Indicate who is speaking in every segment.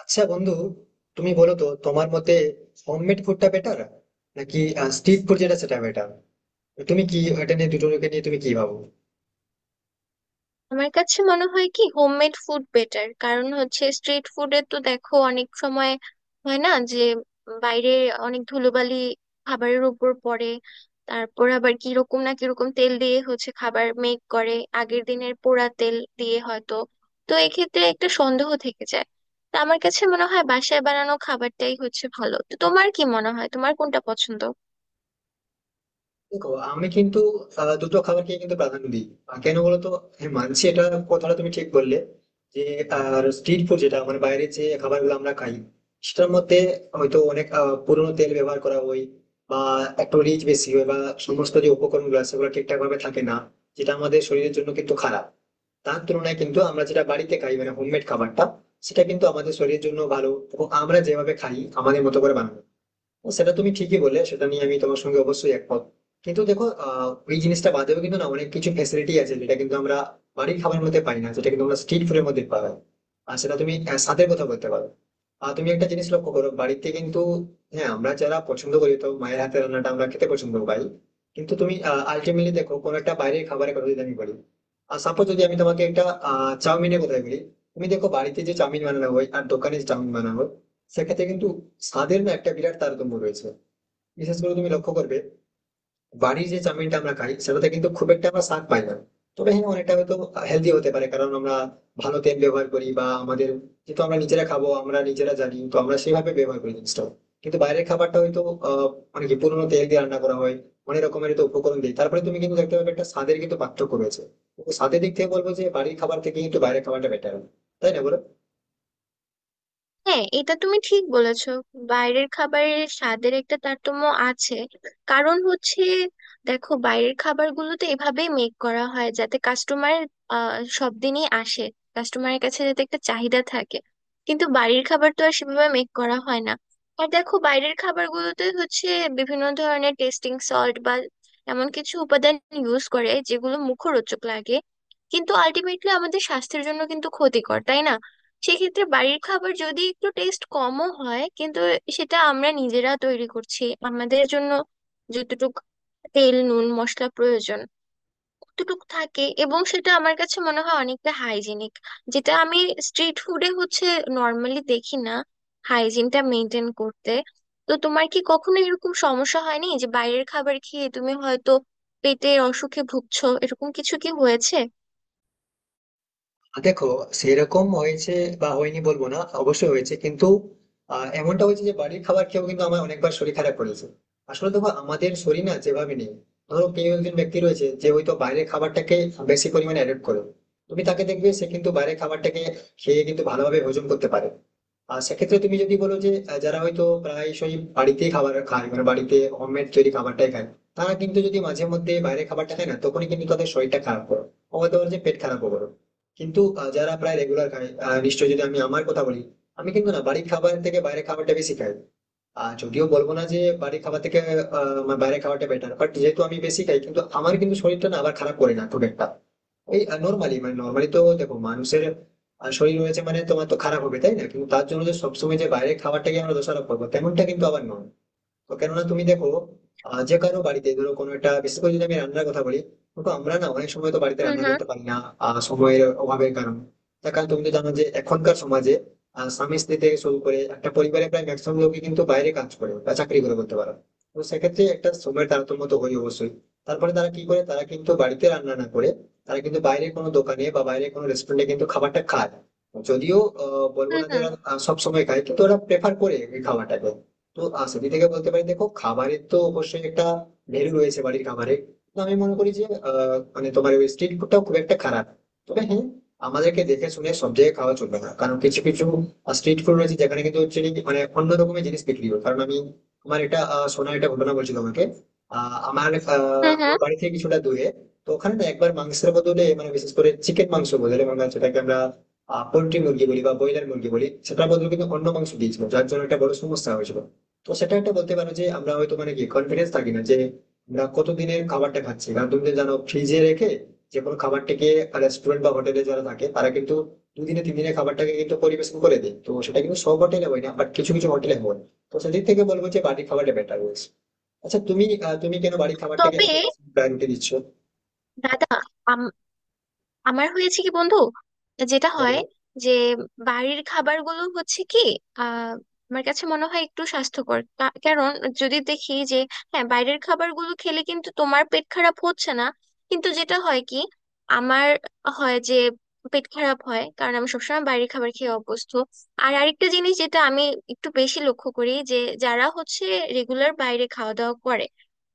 Speaker 1: আচ্ছা বন্ধু, তুমি বলো তো, তোমার মতে হোমমেড ফুডটা বেটার নাকি স্ট্রিট ফুড যেটা সেটা বেটার? তুমি কি এটা নিয়ে, দুটোকে নিয়ে তুমি কি ভাবো?
Speaker 2: আমার কাছে মনে হয় কি হোমমেড ফুড বেটার। কারণ হচ্ছে স্ট্রিট ফুডে তো দেখো, অনেক সময় হয় না যে বাইরে অনেক ধুলোবালি খাবারের উপর পড়ে। তারপর আবার কিরকম না কিরকম তেল দিয়ে হচ্ছে খাবার মেক করে, আগের দিনের পোড়া তেল দিয়ে হয়তো। তো এক্ষেত্রে একটা সন্দেহ থেকে যায়। তো আমার কাছে মনে হয় বাসায় বানানো খাবারটাই হচ্ছে ভালো। তো তোমার কি মনে হয়, তোমার কোনটা পছন্দ?
Speaker 1: দেখো, আমি কিন্তু দুটো খাবারকে কিন্তু প্রাধান্য দিই। কেন বলো তো? হ্যাঁ, মানছি এটা, কথাটা তুমি ঠিক বললে যে আর স্ট্রিট ফুড যেটা, মানে বাইরে যে খাবারগুলো আমরা খাই সেটার মধ্যে হয়তো অনেক পুরোনো তেল ব্যবহার করা হয়, বা একটু রিচ বেশি হয়, বা সমস্ত যে উপকরণগুলো আছে সেগুলো ঠিকঠাক ভাবে থাকে না, যেটা আমাদের শরীরের জন্য কিন্তু খারাপ। তার তুলনায় কিন্তু আমরা যেটা বাড়িতে খাই মানে হোমমেড খাবারটা, সেটা কিন্তু আমাদের শরীরের জন্য ভালো এবং আমরা যেভাবে খাই, আমাদের মতো করে বানানো। ও, সেটা তুমি ঠিকই বললে, সেটা নিয়ে আমি তোমার সঙ্গে অবশ্যই একমত। কিন্তু দেখো, ওই জিনিসটা বাদেও কিন্তু না অনেক কিছু ফ্যাসিলিটি আছে যেটা কিন্তু আমরা বাড়ির খাবারের মধ্যে পাই না, যেটা কিন্তু আমরা স্ট্রিট ফুডের মধ্যে পাওয়া যায়। আর সেটা তুমি স্বাদের কথা বলতে পারো। আর তুমি একটা জিনিস লক্ষ্য করো, বাড়িতে কিন্তু হ্যাঁ আমরা যারা পছন্দ করি তো মায়ের হাতের রান্নাটা আমরা খেতে পছন্দ পাই, কিন্তু তুমি আলটিমেটলি দেখো কোনো একটা বাইরের খাবারের কথা যদি আমি বলি, আর সাপোজ যদি আমি তোমাকে একটা চাউমিনের কথা বলি, তুমি দেখো বাড়িতে যে চাউমিন বানানো হয় আর দোকানে যে চাউমিন বানানো হয়, সেক্ষেত্রে কিন্তু স্বাদের না একটা বিরাট তারতম্য রয়েছে। বিশেষ করে তুমি লক্ষ্য করবে, বাড়ির যে চাউমিনটা আমরা খাই সেটাতে কিন্তু খুব একটা আমরা স্বাদ পাই না। তবে হ্যাঁ, অনেকটা হয়তো হেলদি হতে পারে, কারণ আমরা ভালো তেল ব্যবহার করি বা আমাদের, যেহেতু আমরা নিজেরা খাবো আমরা নিজেরা জানি তো, আমরা সেভাবে ব্যবহার করি জিনিসটা। কিন্তু বাইরের খাবারটা হয়তো আহ মানে কি পুরোনো তেল দিয়ে রান্না করা হয়, অনেক রকমের তো উপকরণ দিই, তারপরে তুমি কিন্তু দেখতে পাবে একটা স্বাদের কিন্তু পার্থক্য রয়েছে। তো স্বাদের দিক থেকে বলবো যে বাড়ির খাবার থেকে কিন্তু বাইরের খাবারটা বেটার, তাই না বলো?
Speaker 2: হ্যাঁ, এটা তুমি ঠিক বলেছো, বাইরের খাবারের স্বাদের একটা তারতম্য আছে। কারণ হচ্ছে, দেখো, বাইরের খাবারগুলোতে এভাবেই মেক করা হয় যাতে কাস্টমার সব দিনই আসে, কাস্টমারের কাছে যাতে একটা চাহিদা থাকে। কিন্তু বাড়ির খাবার তো আর সেভাবে মেক করা হয় না। আর দেখো, বাইরের খাবারগুলোতে হচ্ছে বিভিন্ন ধরনের টেস্টিং সল্ট বা এমন কিছু উপাদান ইউজ করে যেগুলো মুখরোচক লাগে, কিন্তু আলটিমেটলি আমাদের স্বাস্থ্যের জন্য কিন্তু ক্ষতিকর, তাই না? সেক্ষেত্রে বাড়ির খাবার যদি একটু টেস্ট কমও হয়, কিন্তু সেটা আমরা নিজেরা তৈরি করছি আমাদের জন্য। যতটুক তেল নুন মশলা প্রয়োজন অতটুক থাকে, এবং সেটা আমার কাছে মনে হয় অনেকটা হাইজিনিক, যেটা আমি স্ট্রিট ফুডে হচ্ছে নর্মালি দেখি না, হাইজিনটা মেনটেন করতে। তো তোমার কি কখনো এরকম সমস্যা হয়নি যে বাইরের খাবার খেয়ে তুমি হয়তো পেটের অসুখে ভুগছো, এরকম কিছু কি হয়েছে?
Speaker 1: দেখো, সেরকম হয়েছে বা হয়নি বলবো না, অবশ্যই হয়েছে, কিন্তু এমনটা হয়েছে যে বাড়ির খাবার খেয়েও কিন্তু আমার অনেকবার শরীর খারাপ করেছে। আসলে দেখো আমাদের শরীর না যেভাবে নেই, ধরো কেউ একজন ব্যক্তি রয়েছে যে হয়তো বাইরের খাবারটাকে বেশি পরিমাণে অ্যাডপ্ট করে, তুমি তাকে দেখবে সে কিন্তু বাইরের খাবারটাকে খেয়ে কিন্তু ভালোভাবে হজম করতে পারে। আর সেক্ষেত্রে তুমি যদি বলো যে যারা হয়তো প্রায়শই বাড়িতেই খাবার খায়, মানে বাড়িতে হোমমেড তৈরি খাবারটাই খায়, তারা কিন্তু যদি মাঝে মধ্যে বাইরে খাবারটা খায় না, তখনই কিন্তু তাদের শরীরটা খারাপ করো, আমাদের যে পেট খারাপ করো। কিন্তু যারা প্রায় রেগুলার খায়, নিশ্চয়ই যদি আমি আমার কথা বলি, আমি কিন্তু না বাড়ির খাবার থেকে বাইরে খাবারটা বেশি খাই। আর যদিও বলবো না যে বাড়ির খাবার থেকে আমার বাইরে খাওয়াটা বেটার, বাট যেহেতু আমি বেশি খাই কিন্তু আমার কিন্তু শরীরটা না আবার খারাপ করে না খুব একটা। এই নর্মালি, মানে নর্মালি তো দেখো মানুষের শরীর রয়েছে মানে, তোমার তো খারাপ হবে তাই না, কিন্তু তার জন্য যে সবসময় যে বাইরে খাবারটাকে আমরা দোষারোপ করবো তেমনটা কিন্তু আবার নয়। তো কেননা তুমি দেখো, যে কারো বাড়িতে ধরো কোনো একটা, বিশেষ করে যদি আমি রান্নার কথা বলি, তো আমরা না অনেক সময় তো বাড়িতে
Speaker 2: হুম
Speaker 1: রান্না
Speaker 2: হুম
Speaker 1: করতে পারি না, সময়ের অভাবের কারণে। তার কারণ তুমি তো জানো যে এখনকার সমাজে স্বামী স্ত্রী থেকে শুরু করে একটা পরিবারে প্রায় ম্যাক্সিমাম লোকই কিন্তু বাইরে কাজ করে বা চাকরি করে করতে পারে। তো সেক্ষেত্রে একটা সময়ের তারতম্য তো হয় অবশ্যই। তারপরে তারা কি করে, তারা কিন্তু বাড়িতে রান্না না করে তারা কিন্তু বাইরে কোনো দোকানে বা বাইরে কোনো রেস্টুরেন্টে কিন্তু খাবারটা খায়। যদিও বলবো
Speaker 2: হুম
Speaker 1: না যে
Speaker 2: হুম
Speaker 1: ওরা সব সময় খায়, কিন্তু ওরা প্রেফার করে এই খাবারটাকে। তো সেদিক থেকে বলতে পারি, দেখো, খাবারের তো অবশ্যই একটা ভ্যালু রয়েছে বাড়ির খাবারে। তো আমি মনে করি যে মানে তোমার ওই স্ট্রিট ফুডটাও খুব একটা খারাপ। তবে হ্যাঁ, আমাদেরকে দেখে শুনে সব জায়গায় খাওয়া চলবে না, কারণ কিছু কিছু স্ট্রিট ফুড রয়েছে যেখানে কিন্তু হচ্ছে কি, মানে অন্য রকমের জিনিস বিক্রি হয়। কারণ আমি, আমার এটা শোনা এটা ঘটনা বলছি তোমাকে। আহ, আমার আহ,
Speaker 2: হুম
Speaker 1: আমার
Speaker 2: হুম
Speaker 1: বাড়ি থেকে কিছুটা দূরে, তো ওখানে না একবার মাংসের বদলে, মানে বিশেষ করে চিকেন মাংস বদলে, মানে সেটাকে আমরা পোল্ট্রি মুরগি বলি বা ব্রয়লার মুরগি বলি, সেটার বদলে কিন্তু অন্য মাংস দিয়েছিল, যার জন্য একটা বড় সমস্যা হয়েছিল। তো সেটা একটা বলতে পারো যে আমরা হয়তো মানে কি কনফিডেন্স থাকি না যে আমরা কতদিনের খাবারটা খাচ্ছি, কারণ তুমি তো জানো ফ্রিজে রেখে যে কোনো খাবারটাকে, রেস্টুরেন্ট বা হোটেলে যারা থাকে তারা কিন্তু দুদিনে তিন দিনের খাবারটাকে কিন্তু পরিবেশন করে দেয়। তো সেটা কিন্তু সব হোটেলে হয় না, বাট কিছু কিছু হোটেলে হয়। তো সেদিক থেকে বলবো যে বাড়ির খাবারটা বেটার রয়েছে। আচ্ছা, তুমি তুমি কেন বাড়ির খাবারটাকে
Speaker 2: তবে
Speaker 1: এত বেশি প্রায়োরিটি দিচ্ছ?
Speaker 2: দাদা, আমার হয়েছে কি বন্ধু, যেটা হয়
Speaker 1: বলো।
Speaker 2: যে বাড়ির খাবারগুলো হচ্ছে কি, আহ আমার কাছে মনে হয় একটু স্বাস্থ্যকর। কারণ যদি দেখি যে, হ্যাঁ, বাইরের খাবারগুলো খেলে কিন্তু তোমার পেট খারাপ হচ্ছে না, কিন্তু যেটা হয় কি, আমার হয় যে পেট খারাপ হয়, কারণ আমি সবসময় বাইরের খাবার খেয়ে অভ্যস্ত। আর আরেকটা জিনিস যেটা আমি একটু বেশি লক্ষ্য করি যে, যারা হচ্ছে রেগুলার বাইরে খাওয়া দাওয়া করে,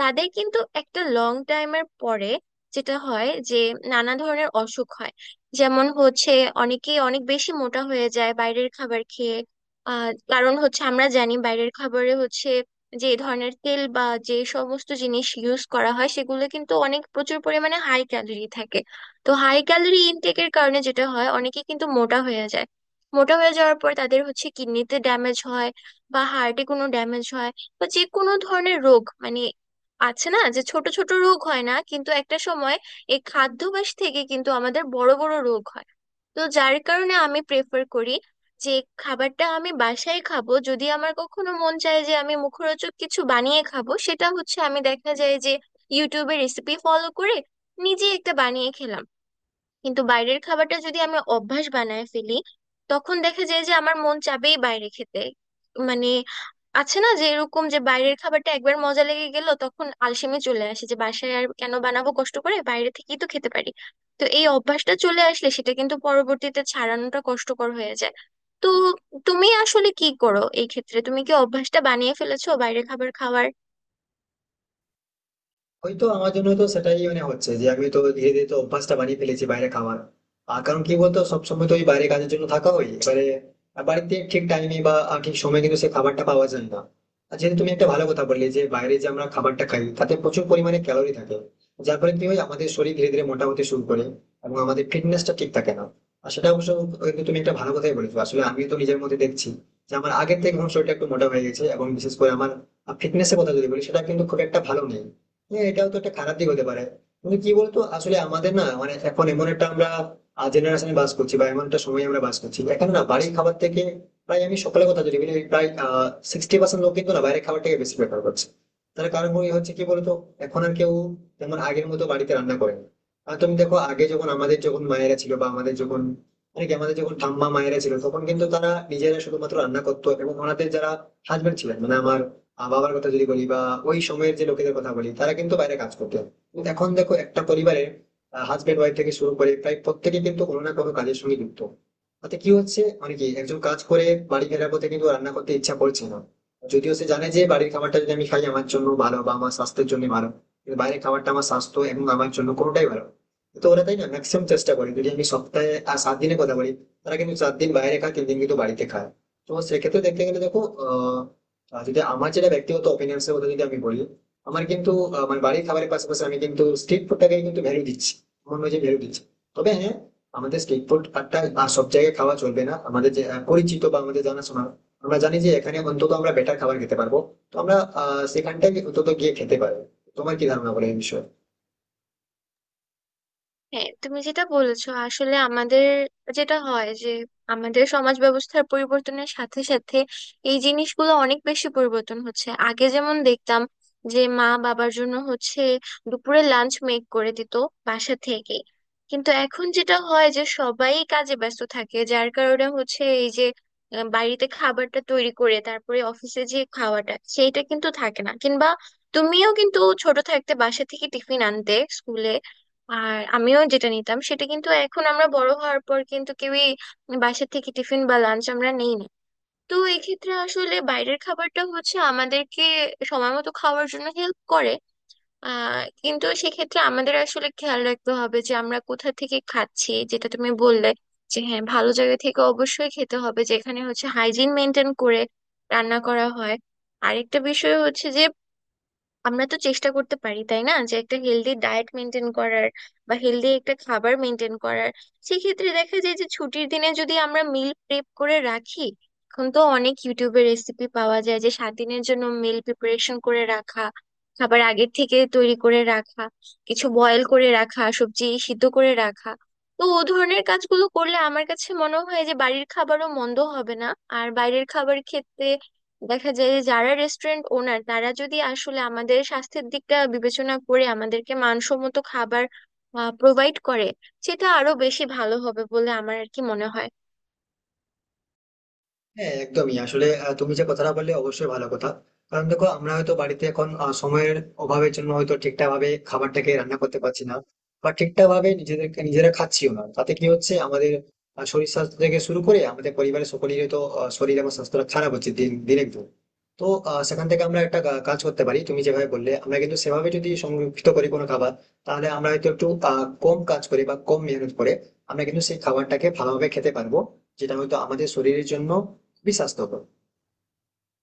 Speaker 2: তাদের কিন্তু একটা লং টাইমের পরে যেটা হয় যে নানা ধরনের অসুখ হয়। যেমন হচ্ছে, অনেকে অনেক বেশি মোটা হয়ে যায় বাইরের খাবার খেয়ে। আহ, কারণ হচ্ছে আমরা জানি বাইরের খাবারে হচ্ছে যে ধরনের তেল বা যে সমস্ত জিনিস ইউজ করা হয়, সেগুলো কিন্তু অনেক প্রচুর পরিমাণে হাই ক্যালোরি থাকে। তো হাই ক্যালোরি ইনটেকের কারণে যেটা হয়, অনেকে কিন্তু মোটা হয়ে যায়। মোটা হয়ে যাওয়ার পর তাদের হচ্ছে কিডনিতে ড্যামেজ হয়, বা হার্টে কোনো ড্যামেজ হয়, বা যে কোনো ধরনের রোগ, মানে আছে না যে ছোট ছোট রোগ হয় না, কিন্তু একটা সময় এই খাদ্যাভ্যাস থেকে কিন্তু আমাদের বড় বড় রোগ হয়। তো যার কারণে আমি প্রেফার করি যে খাবারটা আমি বাসায় খাবো। যদি আমার কখনো মন চায় যে আমি মুখরোচক কিছু বানিয়ে খাবো, সেটা হচ্ছে আমি দেখা যায় যে ইউটিউবে রেসিপি ফলো করে নিজে একটা বানিয়ে খেলাম। কিন্তু বাইরের খাবারটা যদি আমি অভ্যাস বানায় ফেলি, তখন দেখা যায় যে আমার মন চাবেই বাইরে খেতে। মানে আছে না যে, এরকম যে বাইরের খাবারটা একবার মজা লেগে গেল, তখন আলসেমি চলে আসে যে বাসায় আর কেন বানাবো কষ্ট করে, বাইরে থেকেই তো খেতে পারি। তো এই অভ্যাসটা চলে আসলে সেটা কিন্তু পরবর্তীতে ছাড়ানোটা কষ্টকর হয়ে যায়। তো তুমি আসলে কি করো এই ক্ষেত্রে, তুমি কি অভ্যাসটা বানিয়ে ফেলেছো বাইরের খাবার খাওয়ার?
Speaker 1: হয়তো আমার জন্য তো সেটাই, মানে হচ্ছে যে আমি তো ধীরে ধীরে তো অভ্যাসটা বানিয়ে ফেলেছি বাইরে খাওয়ার। আর কারণ কি বলতো, সবসময় তো ওই বাইরে কাজের জন্য থাকা হয়, এবারে বাড়িতে ঠিক টাইমে বা ঠিক সময়ে কিন্তু সেই খাবারটা পাওয়া যায় না। আর যেহেতু তুমি একটা ভালো কথা বললে যে বাইরে যে আমরা খাবারটা খাই তাতে প্রচুর পরিমাণে ক্যালোরি থাকে, যার ফলে কি হয় আমাদের শরীর ধীরে ধীরে মোটা হতে শুরু করে এবং আমাদের ফিটনেসটা ঠিক থাকে না। আর সেটা অবশ্য, কিন্তু তুমি একটা ভালো কথাই বলেছো, আসলে আমি তো নিজের মধ্যে দেখছি যে আমার আগের থেকে এখন শরীরটা একটু মোটা হয়ে গেছে এবং বিশেষ করে আমার ফিটনেসের কথা যদি বলি সেটা কিন্তু খুব একটা ভালো নেই। হ্যাঁ, এটাও তো একটা খারাপ দিক হতে পারে। কিন্তু কি বলতো, আসলে আমাদের না, মানে এখন এমন একটা আমরা জেনারেশনে বাস করছি বা এমন একটা সময় আমরা বাস করছি, এখানে না বাড়ির খাবার থেকে প্রায়, আমি সকালে কথা যদি বলি, প্রায় 60% লোক কিন্তু না বাইরের খাবারটাকে বেশি প্রেফার করছে। তার কারণ ওই হচ্ছে কি বলতো, এখন আর কেউ যেমন আগের মতো বাড়িতে রান্না করে না। আর তুমি দেখো, আগে যখন আমাদের যখন মায়েরা ছিল বা আমাদের যখন, মানে কি আমাদের যখন ঠাম্মা মায়েরা ছিল, তখন কিন্তু তারা নিজেরা শুধুমাত্র রান্না করতো এবং ওনাদের যারা হাজবেন্ড ছিলেন, মানে আমার বাবার কথা যদি বলি বা ওই সময়ের যে লোকেদের কথা বলি, তারা কিন্তু বাইরে কাজ করতো। কিন্তু এখন দেখো একটা পরিবারে হাজবেন্ড ওয়াইফ থেকে শুরু করে প্রায় প্রত্যেকে কিন্তু কোনো না কোনো কাজের সঙ্গে যুক্ত। তাতে কি হচ্ছে, মানে কি একজন কাজ করে বাড়ি ফেরার পথে কিন্তু রান্না করতে ইচ্ছা করছে না, যদিও সে জানে যে বাড়ির খাবারটা যদি আমি খাই আমার জন্য ভালো বা আমার স্বাস্থ্যের জন্য ভালো, কিন্তু বাইরের খাবারটা আমার স্বাস্থ্য এবং আমার জন্য কোনোটাই ভালো না। তো ওরা, তাই না, ম্যাক্সিমাম চেষ্টা করে, যদি আমি সপ্তাহে আর সাত দিনের কথা বলি, তারা কিন্তু চার দিন বাইরে খায়, তিন দিন কিন্তু বাড়িতে খায়। তো সেক্ষেত্রে দেখতে গেলে দেখো আহ আহ, যদি আমার যেটা ব্যক্তিগত ওপিনিয়ন এর কথা যদি আমি বলি, আমার কিন্তু মানে বাড়ির খাবারের পাশাপাশি আমি কিন্তু স্ট্রিট ফুডটাকে কিন্তু ভ্যালু দিচ্ছি, আমার মনে হয় যে ভ্যালু দিচ্ছি। তবে হ্যাঁ, আমাদের স্ট্রিট ফুড একটা সব জায়গায় খাওয়া চলবে না, আমাদের যে পরিচিত বা আমাদের জানাশোনা, আমরা জানি যে এখানে অন্তত আমরা বেটার খাবার খেতে পারবো, তো আমরা সেখানটাই অন্তত গিয়ে খেতে পারবো। তোমার কি ধারণা বলে এই বিষয়ে?
Speaker 2: হ্যাঁ, তুমি যেটা বলেছো আসলে আমাদের যেটা হয় যে, আমাদের সমাজ ব্যবস্থার পরিবর্তনের সাথে সাথে এই জিনিসগুলো অনেক বেশি পরিবর্তন হচ্ছে। আগে যেমন দেখতাম যে মা বাবার জন্য হচ্ছে দুপুরে লাঞ্চ মেক করে দিত বাসা থেকে, কিন্তু এখন যেটা হয় যে সবাই কাজে ব্যস্ত থাকে, যার কারণে হচ্ছে এই যে বাড়িতে খাবারটা তৈরি করে তারপরে অফিসে যে খাওয়াটা সেইটা কিন্তু থাকে না। কিংবা তুমিও কিন্তু ছোট থাকতে বাসা থেকে টিফিন আনতে স্কুলে, আর আমিও যেটা নিতাম, সেটা কিন্তু এখন আমরা বড় হওয়ার পর কিন্তু কেউই বাসা থেকে টিফিন বা লাঞ্চ আমরা নেই না। তো এক্ষেত্রে আসলে বাইরের খাবারটা হচ্ছে আমাদেরকে সময় মতো খাওয়ার জন্য হেল্প করে। আহ কিন্তু সেক্ষেত্রে আমাদের আসলে খেয়াল রাখতে হবে যে আমরা কোথা থেকে খাচ্ছি, যেটা তুমি বললে যে হ্যাঁ, ভালো জায়গা থেকে অবশ্যই খেতে হবে, যেখানে হচ্ছে হাইজিন মেনটেন করে রান্না করা হয়। আরেকটা বিষয় হচ্ছে যে, আমরা তো চেষ্টা করতে পারি তাই না, যে একটা হেলদি ডায়েট মেনটেন করার বা হেলদি একটা খাবার মেনটেন করার। সেক্ষেত্রে দেখা যায় যে ছুটির দিনে যদি আমরা মিল প্রেপ করে রাখি, এখন তো অনেক ইউটিউবে রেসিপি পাওয়া যায় যে 7 দিনের জন্য মিল প্রিপারেশন করে রাখা, খাবার আগের থেকে তৈরি করে রাখা, কিছু বয়েল করে রাখা, সবজি সিদ্ধ করে রাখা। তো ও ধরনের কাজগুলো করলে আমার কাছে মনে হয় যে বাড়ির খাবারও মন্দ হবে না। আর বাইরের খাবার খেতে দেখা যায় যে, যারা রেস্টুরেন্ট ওনার, তারা যদি আসলে আমাদের স্বাস্থ্যের দিকটা বিবেচনা করে আমাদেরকে মানসম্মত খাবার প্রোভাইড করে, সেটা আরো বেশি ভালো হবে বলে আমার আর কি মনে হয়।
Speaker 1: হ্যাঁ, একদমই, আসলে তুমি যে কথাটা বললে অবশ্যই ভালো কথা। কারণ দেখো, আমরা হয়তো বাড়িতে এখন সময়ের অভাবের জন্য হয়তো ঠিকঠাক ভাবে খাবারটাকে রান্না করতে পারছি না বা ঠিকঠাক ভাবে নিজেদেরকে নিজেরা খাচ্ছিও না, তাতে কি হচ্ছে আমাদের শরীর স্বাস্থ্য থেকে শুরু করে আমাদের পরিবারের সকলেরই তো শরীর এবং স্বাস্থ্যটা খারাপ হচ্ছে দিন দিনের দিন। তো সেখান থেকে আমরা একটা কাজ করতে পারি, তুমি যেভাবে বললে আমরা কিন্তু সেভাবে যদি সংরক্ষিত করি কোনো খাবার, তাহলে আমরা হয়তো একটু কম কাজ করে বা কম মেহনত করে আমরা কিন্তু সেই খাবারটাকে ভালোভাবে খেতে পারবো, যেটা হয়তো আমাদের শরীরের জন্য বিশ্বাস তো